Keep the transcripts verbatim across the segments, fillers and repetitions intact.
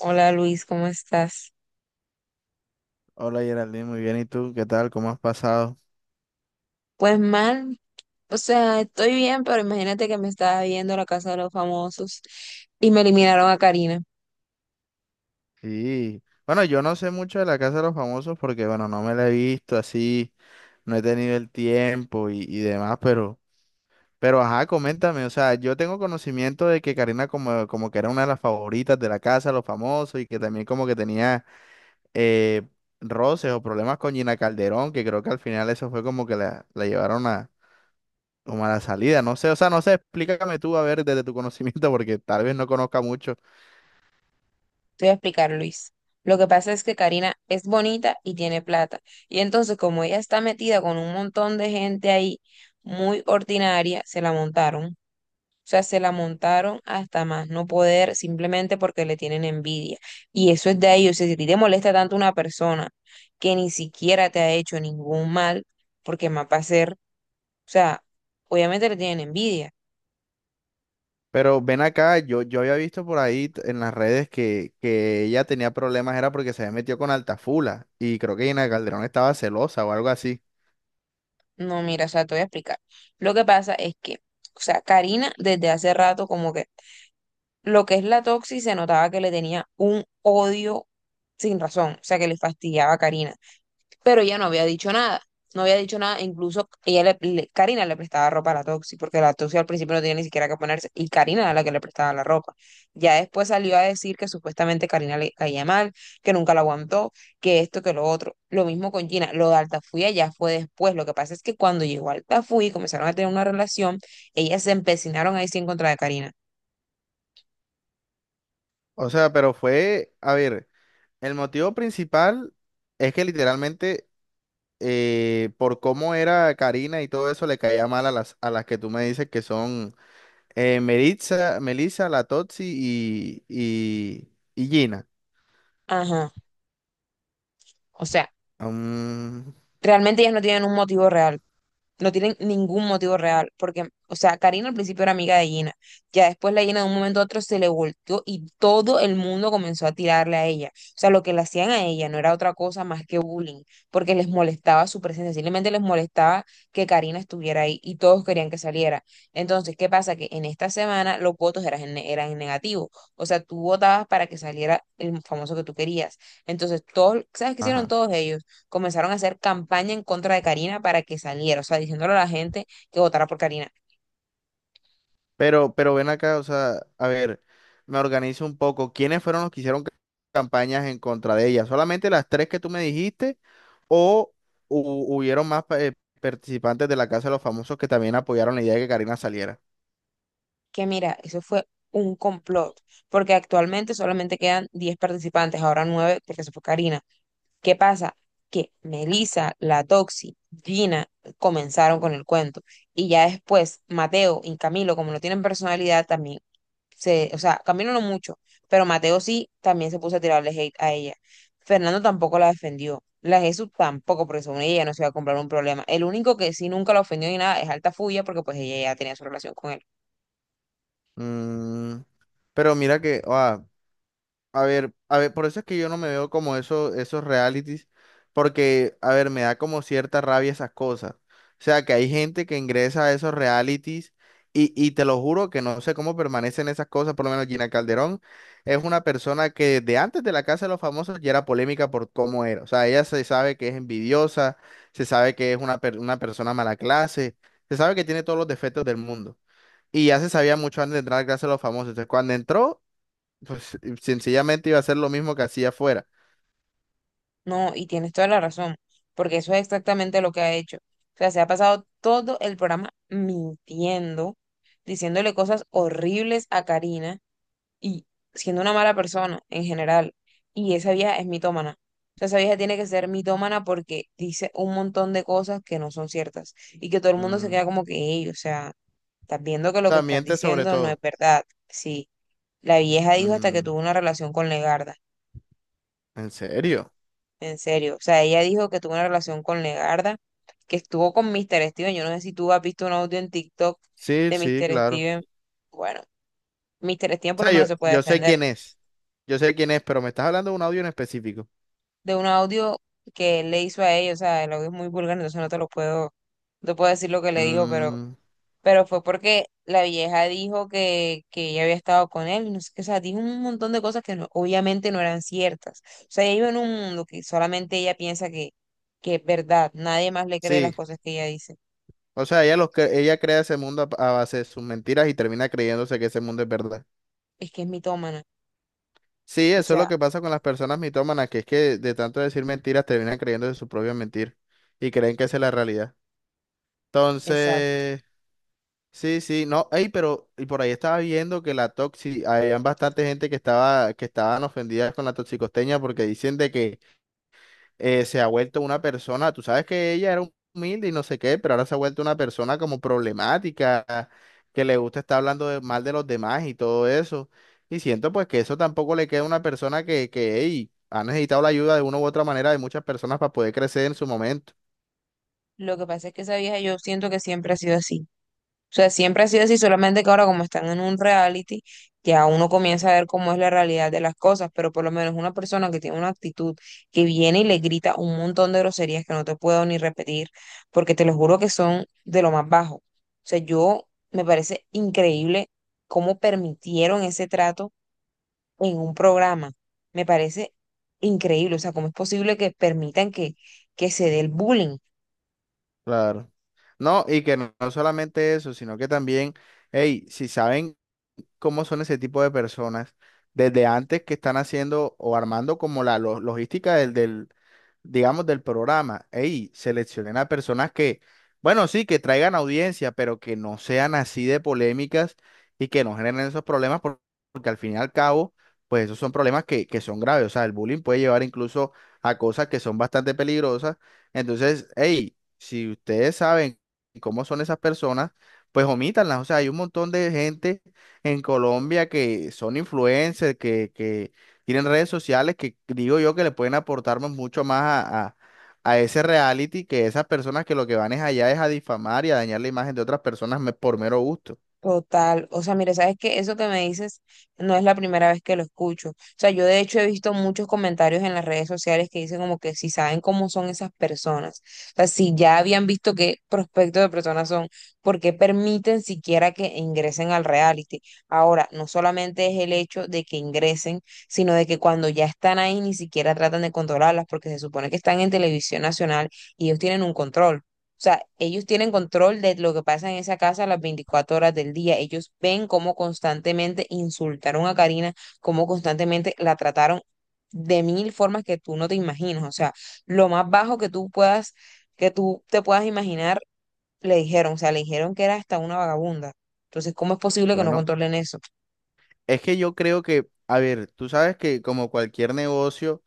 Hola Luis, ¿cómo estás? Hola Geraldine, muy bien. ¿Y tú? ¿Qué tal? ¿Cómo has pasado? Pues mal, o sea, estoy bien, pero imagínate que me estaba viendo La Casa de los Famosos y me eliminaron a Karina. Sí. Bueno, yo no sé mucho de la Casa de los Famosos porque, bueno, no me la he visto así, no he tenido el tiempo y, y demás, pero, pero, ajá, coméntame. O sea, yo tengo conocimiento de que Karina como, como que era una de las favoritas de la Casa de los Famosos y que también como que tenía eh, roces o problemas con Gina Calderón, que creo que al final eso fue como que la, la llevaron a, como a la salida. No sé, o sea, no sé, explícame tú, a ver, desde tu conocimiento porque tal vez no conozca mucho. Te voy a explicar, Luis. Lo que pasa es que Karina es bonita y tiene plata. Y entonces, como ella está metida con un montón de gente ahí muy ordinaria, se la montaron. O sea, se la montaron hasta más no poder simplemente porque le tienen envidia. Y eso es de ellos. O sea, si a ti te molesta tanto una persona que ni siquiera te ha hecho ningún mal, porque más va a ser, o sea, obviamente le tienen envidia. Pero ven acá, yo, yo había visto por ahí t- en las redes que, que ella tenía problemas, era porque se había metido con Altafula y creo que Gina Calderón estaba celosa o algo así. No, mira, o sea, te voy a explicar. Lo que pasa es que, o sea, Karina desde hace rato como que lo que es la Toxi se notaba que le tenía un odio sin razón, o sea, que le fastidiaba a Karina. Pero ella no había dicho nada, no había dicho nada, Incluso ella le, le- Karina le prestaba ropa a la Toxi, porque la Toxi al principio no tenía ni siquiera que ponerse, y Karina era la que le prestaba la ropa. Ya después salió a decir que supuestamente Karina le caía mal, que nunca la aguantó, que esto, que lo otro. Lo mismo con Gina. Lo de Altafulla ya fue después, lo que pasa es que cuando llegó Altafulla y comenzaron a tener una relación, ellas se empecinaron ahí sí en contra de Karina. O sea, pero fue, a ver, el motivo principal es que literalmente eh, por cómo era Karina y todo eso le caía mal a las, a las que tú me dices que son eh, Meritza, Melissa, La Totsi y, y, y Gina. Ajá. O sea, Mm, realmente ellas no tienen un motivo real, no tienen ningún motivo real, porque, o sea, Karina al principio era amiga de Gina, ya después la Gina de un momento a otro se le volteó y todo el mundo comenzó a tirarle a ella. O sea, lo que le hacían a ella no era otra cosa más que bullying, porque les molestaba su presencia, simplemente les molestaba que Karina estuviera ahí y todos querían que saliera. Entonces, ¿qué pasa? Que en esta semana los votos eran, en- eran en negativo, o sea, tú votabas para que saliera el famoso que tú querías. Entonces, todos, ¿sabes qué hicieron ajá. todos ellos? Comenzaron a hacer campaña en contra de Karina para que saliera, o sea, diciéndole a la gente que votara por Karina. Pero, pero ven acá, o sea, a ver, me organizo un poco. ¿Quiénes fueron los que hicieron ca- campañas en contra de ella? ¿Solamente las tres que tú me dijiste o hu- hubieron más pa- eh, participantes de la Casa de los Famosos que también apoyaron la idea de que Karina saliera? Que mira, eso fue un complot, porque actualmente solamente quedan diez participantes, ahora nueve, porque se fue Karina. ¿Qué pasa? Que Melissa, la Toxi, Gina comenzaron con el cuento y ya después Mateo y Camilo, como no tienen personalidad, también se, o sea, Camilo no mucho, pero Mateo sí también se puso a tirarle hate a ella. Fernando tampoco la defendió. La Jesús tampoco, porque según ella no se iba a comprar un problema. El único que sí nunca la ofendió ni nada es Alta Fuya, porque pues ella ya tenía su relación con él. Mm, pero mira que, ah, a ver, a ver, por eso es que yo no me veo como eso, esos realities, porque, a ver, me da como cierta rabia esas cosas. O sea, que hay gente que ingresa a esos realities y, y te lo juro que no sé cómo permanecen esas cosas, por lo menos Gina Calderón es una persona que desde antes de la Casa de los Famosos ya era polémica por cómo era. O sea, ella se sabe que es envidiosa, se sabe que es una, per- una persona mala clase, se sabe que tiene todos los defectos del mundo. Y ya se sabía mucho antes de entrar a la Casa de los Famosos. Entonces, cuando entró... Pues eh, sencillamente iba a hacer lo mismo que hacía afuera. No, y tienes toda la razón, porque eso es exactamente lo que ha hecho. O sea, se ha pasado todo el programa mintiendo, diciéndole cosas horribles a Karina y siendo una mala persona en general. Y esa vieja es mitómana. O sea, esa vieja tiene que ser mitómana porque dice un montón de cosas que no son ciertas y que todo el mundo se Mm. queda O como que, "Ey, o sea, estás viendo que lo que sea, estás miente sobre diciendo no es todo. verdad". Sí, la vieja dijo hasta que Mm. tuvo una relación con Legarda, ¿En serio? en serio. O sea, ella dijo que tuvo una relación con Legarda, que estuvo con mister Steven. Yo no sé si tú has visto un audio en TikTok Sí, de sí, mister claro. Steven. Bueno, mister Steven por O lo sea, yo, menos se puede yo sé defender quién es. Yo sé quién es, pero me estás hablando de un audio en específico. de un audio que él le hizo a ella, o sea, el audio es muy vulgar, entonces no te lo puedo, no puedo decir lo que le dijo, pero, Mm, pero fue porque la vieja dijo que, que ella había estado con él, y no sé qué, o sea, dijo un montón de cosas que no- obviamente no eran ciertas. O sea, ella vive en un mundo que solamente ella piensa que, que es verdad, nadie más le cree las sí. cosas que ella dice. O sea, ella, los cre- ella crea ese mundo a, a base de sus mentiras y termina creyéndose que ese mundo es verdad. Es que es mitómana, Sí, o eso es lo sea, que pasa con las personas mitómanas, que es que de tanto decir mentiras terminan creyéndose sus propias mentiras y creen que esa es la realidad. exacto. Entonces... Sí, sí, no, ey, pero y por ahí estaba viendo que la toxi, había bastante gente que estaba, que estaban ofendidas con la toxicosteña porque dicen de que eh, se ha vuelto una persona, tú sabes que ella era humilde y no sé qué, pero ahora se ha vuelto una persona como problemática, que le gusta estar hablando de- mal de los demás y todo eso. Y siento pues que eso tampoco le queda a una persona que, que, ey, ha necesitado la ayuda de una u otra manera de muchas personas para poder crecer en su momento. Lo que pasa es que esa vieja yo siento que siempre ha sido así. O sea, siempre ha sido así, solamente que ahora como están en un reality, ya uno comienza a ver cómo es la realidad de las cosas, pero por lo menos una persona que tiene una actitud que viene y le grita un montón de groserías que no te puedo ni repetir, porque te lo juro que son de lo más bajo. O sea, yo me parece increíble cómo permitieron ese trato en un programa. Me parece increíble, o sea, cómo es posible que permitan que, que se dé el bullying. Claro. No, y que no, no solamente eso, sino que también, hey, si saben cómo son ese tipo de personas desde antes que están haciendo o armando como la lo- logística del, del, digamos, del programa. Ey, seleccionen a personas que, bueno, sí, que traigan audiencia, pero que no sean así de polémicas y que no generen esos problemas por- porque al fin y al cabo, pues esos son problemas que, que son graves. O sea, el bullying puede llevar incluso a cosas que son bastante peligrosas. Entonces, hey, si ustedes saben cómo son esas personas, pues omítanlas. O sea, hay un montón de gente en Colombia que son influencers, que, que tienen redes sociales, que digo yo que le pueden aportar mu- mucho más a, a- a ese reality que esas personas que lo que van es allá es a difamar y a dañar la imagen de otras personas me- por mero gusto. Total, o sea, mire, sabes que eso que me dices no es la primera vez que lo escucho. O sea, yo de hecho he visto muchos comentarios en las redes sociales que dicen como que si saben cómo son esas personas, o sea, si ya habían visto qué prospecto de personas son, ¿por qué permiten siquiera que ingresen al reality? Ahora, no solamente es el hecho de que ingresen, sino de que cuando ya están ahí ni siquiera tratan de controlarlas porque se supone que están en televisión nacional y ellos tienen un control. O sea, ellos tienen control de lo que pasa en esa casa las veinticuatro horas del día. Ellos ven cómo constantemente insultaron a Karina, cómo constantemente la trataron de mil formas que tú no te imaginas. O sea, lo más bajo que tú puedas, que tú te puedas imaginar, le dijeron. O sea, le dijeron que era hasta una vagabunda. Entonces, ¿cómo es posible que no Bueno, controlen eso? es que yo creo que, a ver, tú sabes que como cualquier negocio,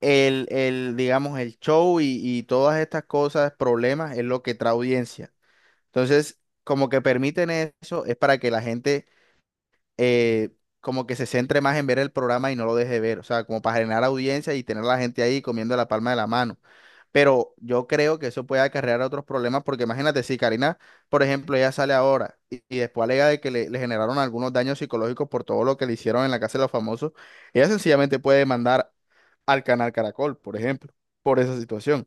el, el, digamos, el show y, y todas estas cosas, problemas, es lo que trae audiencia. Entonces, como que permiten eso, es para que la gente eh, como que se centre más en ver el programa y no lo deje ver, o sea, como para generar audiencia y tener a la gente ahí comiendo la palma de la mano. Pero yo creo que eso puede acarrear otros problemas, porque imagínate, si Karina, por ejemplo, ella sale ahora y, y después alega de que le, le generaron algunos daños psicológicos por todo lo que le hicieron en la Casa de los Famosos, ella sencillamente puede demandar al canal Caracol, por ejemplo, por esa situación.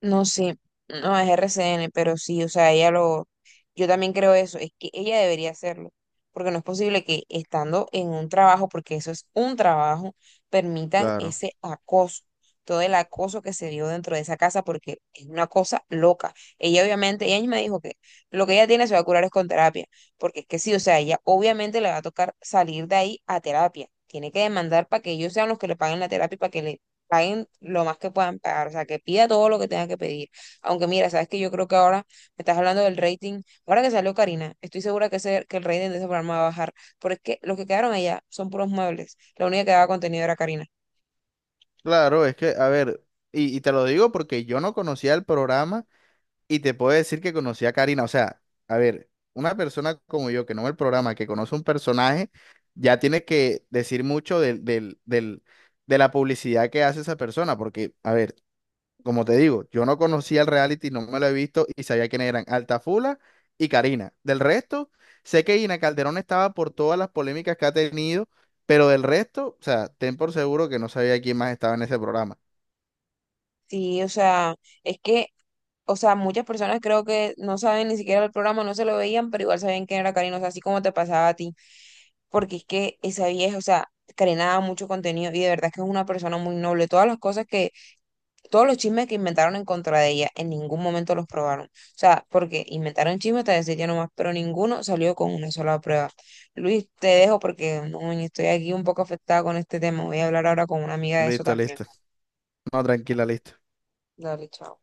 No, sí, no es R C N, pero sí, o sea, ella lo, yo también creo eso, es que ella debería hacerlo, porque no es posible que estando en un trabajo, porque eso es un trabajo, permitan Claro, ese acoso, todo el acoso que se dio dentro de esa casa, porque es una cosa loca. Ella obviamente, ella me dijo que lo que ella tiene se va a curar es con terapia, porque es que sí, o sea, ella obviamente le va a tocar salir de ahí a terapia. Tiene que demandar para que ellos sean los que le paguen la terapia y para que le paguen lo más que puedan pagar, o sea, que pida todo lo que tenga que pedir. Aunque mira, sabes que yo creo que ahora me estás hablando del rating, ahora que salió Karina, estoy segura que, ese, que el rating de ese programa va a bajar, porque es que los que quedaron allá son puros muebles, la única que daba contenido era Karina. claro, es que, a ver, y, y te lo digo porque yo no conocía el programa. Y te puedo decir que conocí a Karina. O sea, a ver, una persona como yo que no ve el programa, que conoce un personaje, ya tiene que decir mucho del, del, del- de la publicidad que hace esa persona. Porque, a ver, como te digo, yo no conocía el reality, no me lo he visto y sabía quiénes eran Altafula y Karina. Del resto, sé que Ina Calderón estaba por todas las polémicas que ha tenido, pero del resto, o sea, ten por seguro que no sabía quién más estaba en ese programa. Sí, o sea, es que, o sea, muchas personas creo que no saben ni siquiera el programa, no se lo veían, pero igual sabían quién era Karina, o sea, así como te pasaba a ti, porque es que esa vieja, o sea, Karina daba mucho contenido y de verdad que es una persona muy noble, todas las cosas que Todos los chismes que inventaron en contra de ella, en ningún momento los probaron. O sea, porque inventaron chismes hasta decir ya nomás, pero ninguno salió con una sola prueba. Luis, te dejo porque no, estoy aquí un poco afectada con este tema. Voy a hablar ahora con una amiga de eso Listo, también. listo. No, tranquila, listo. Dale, chao.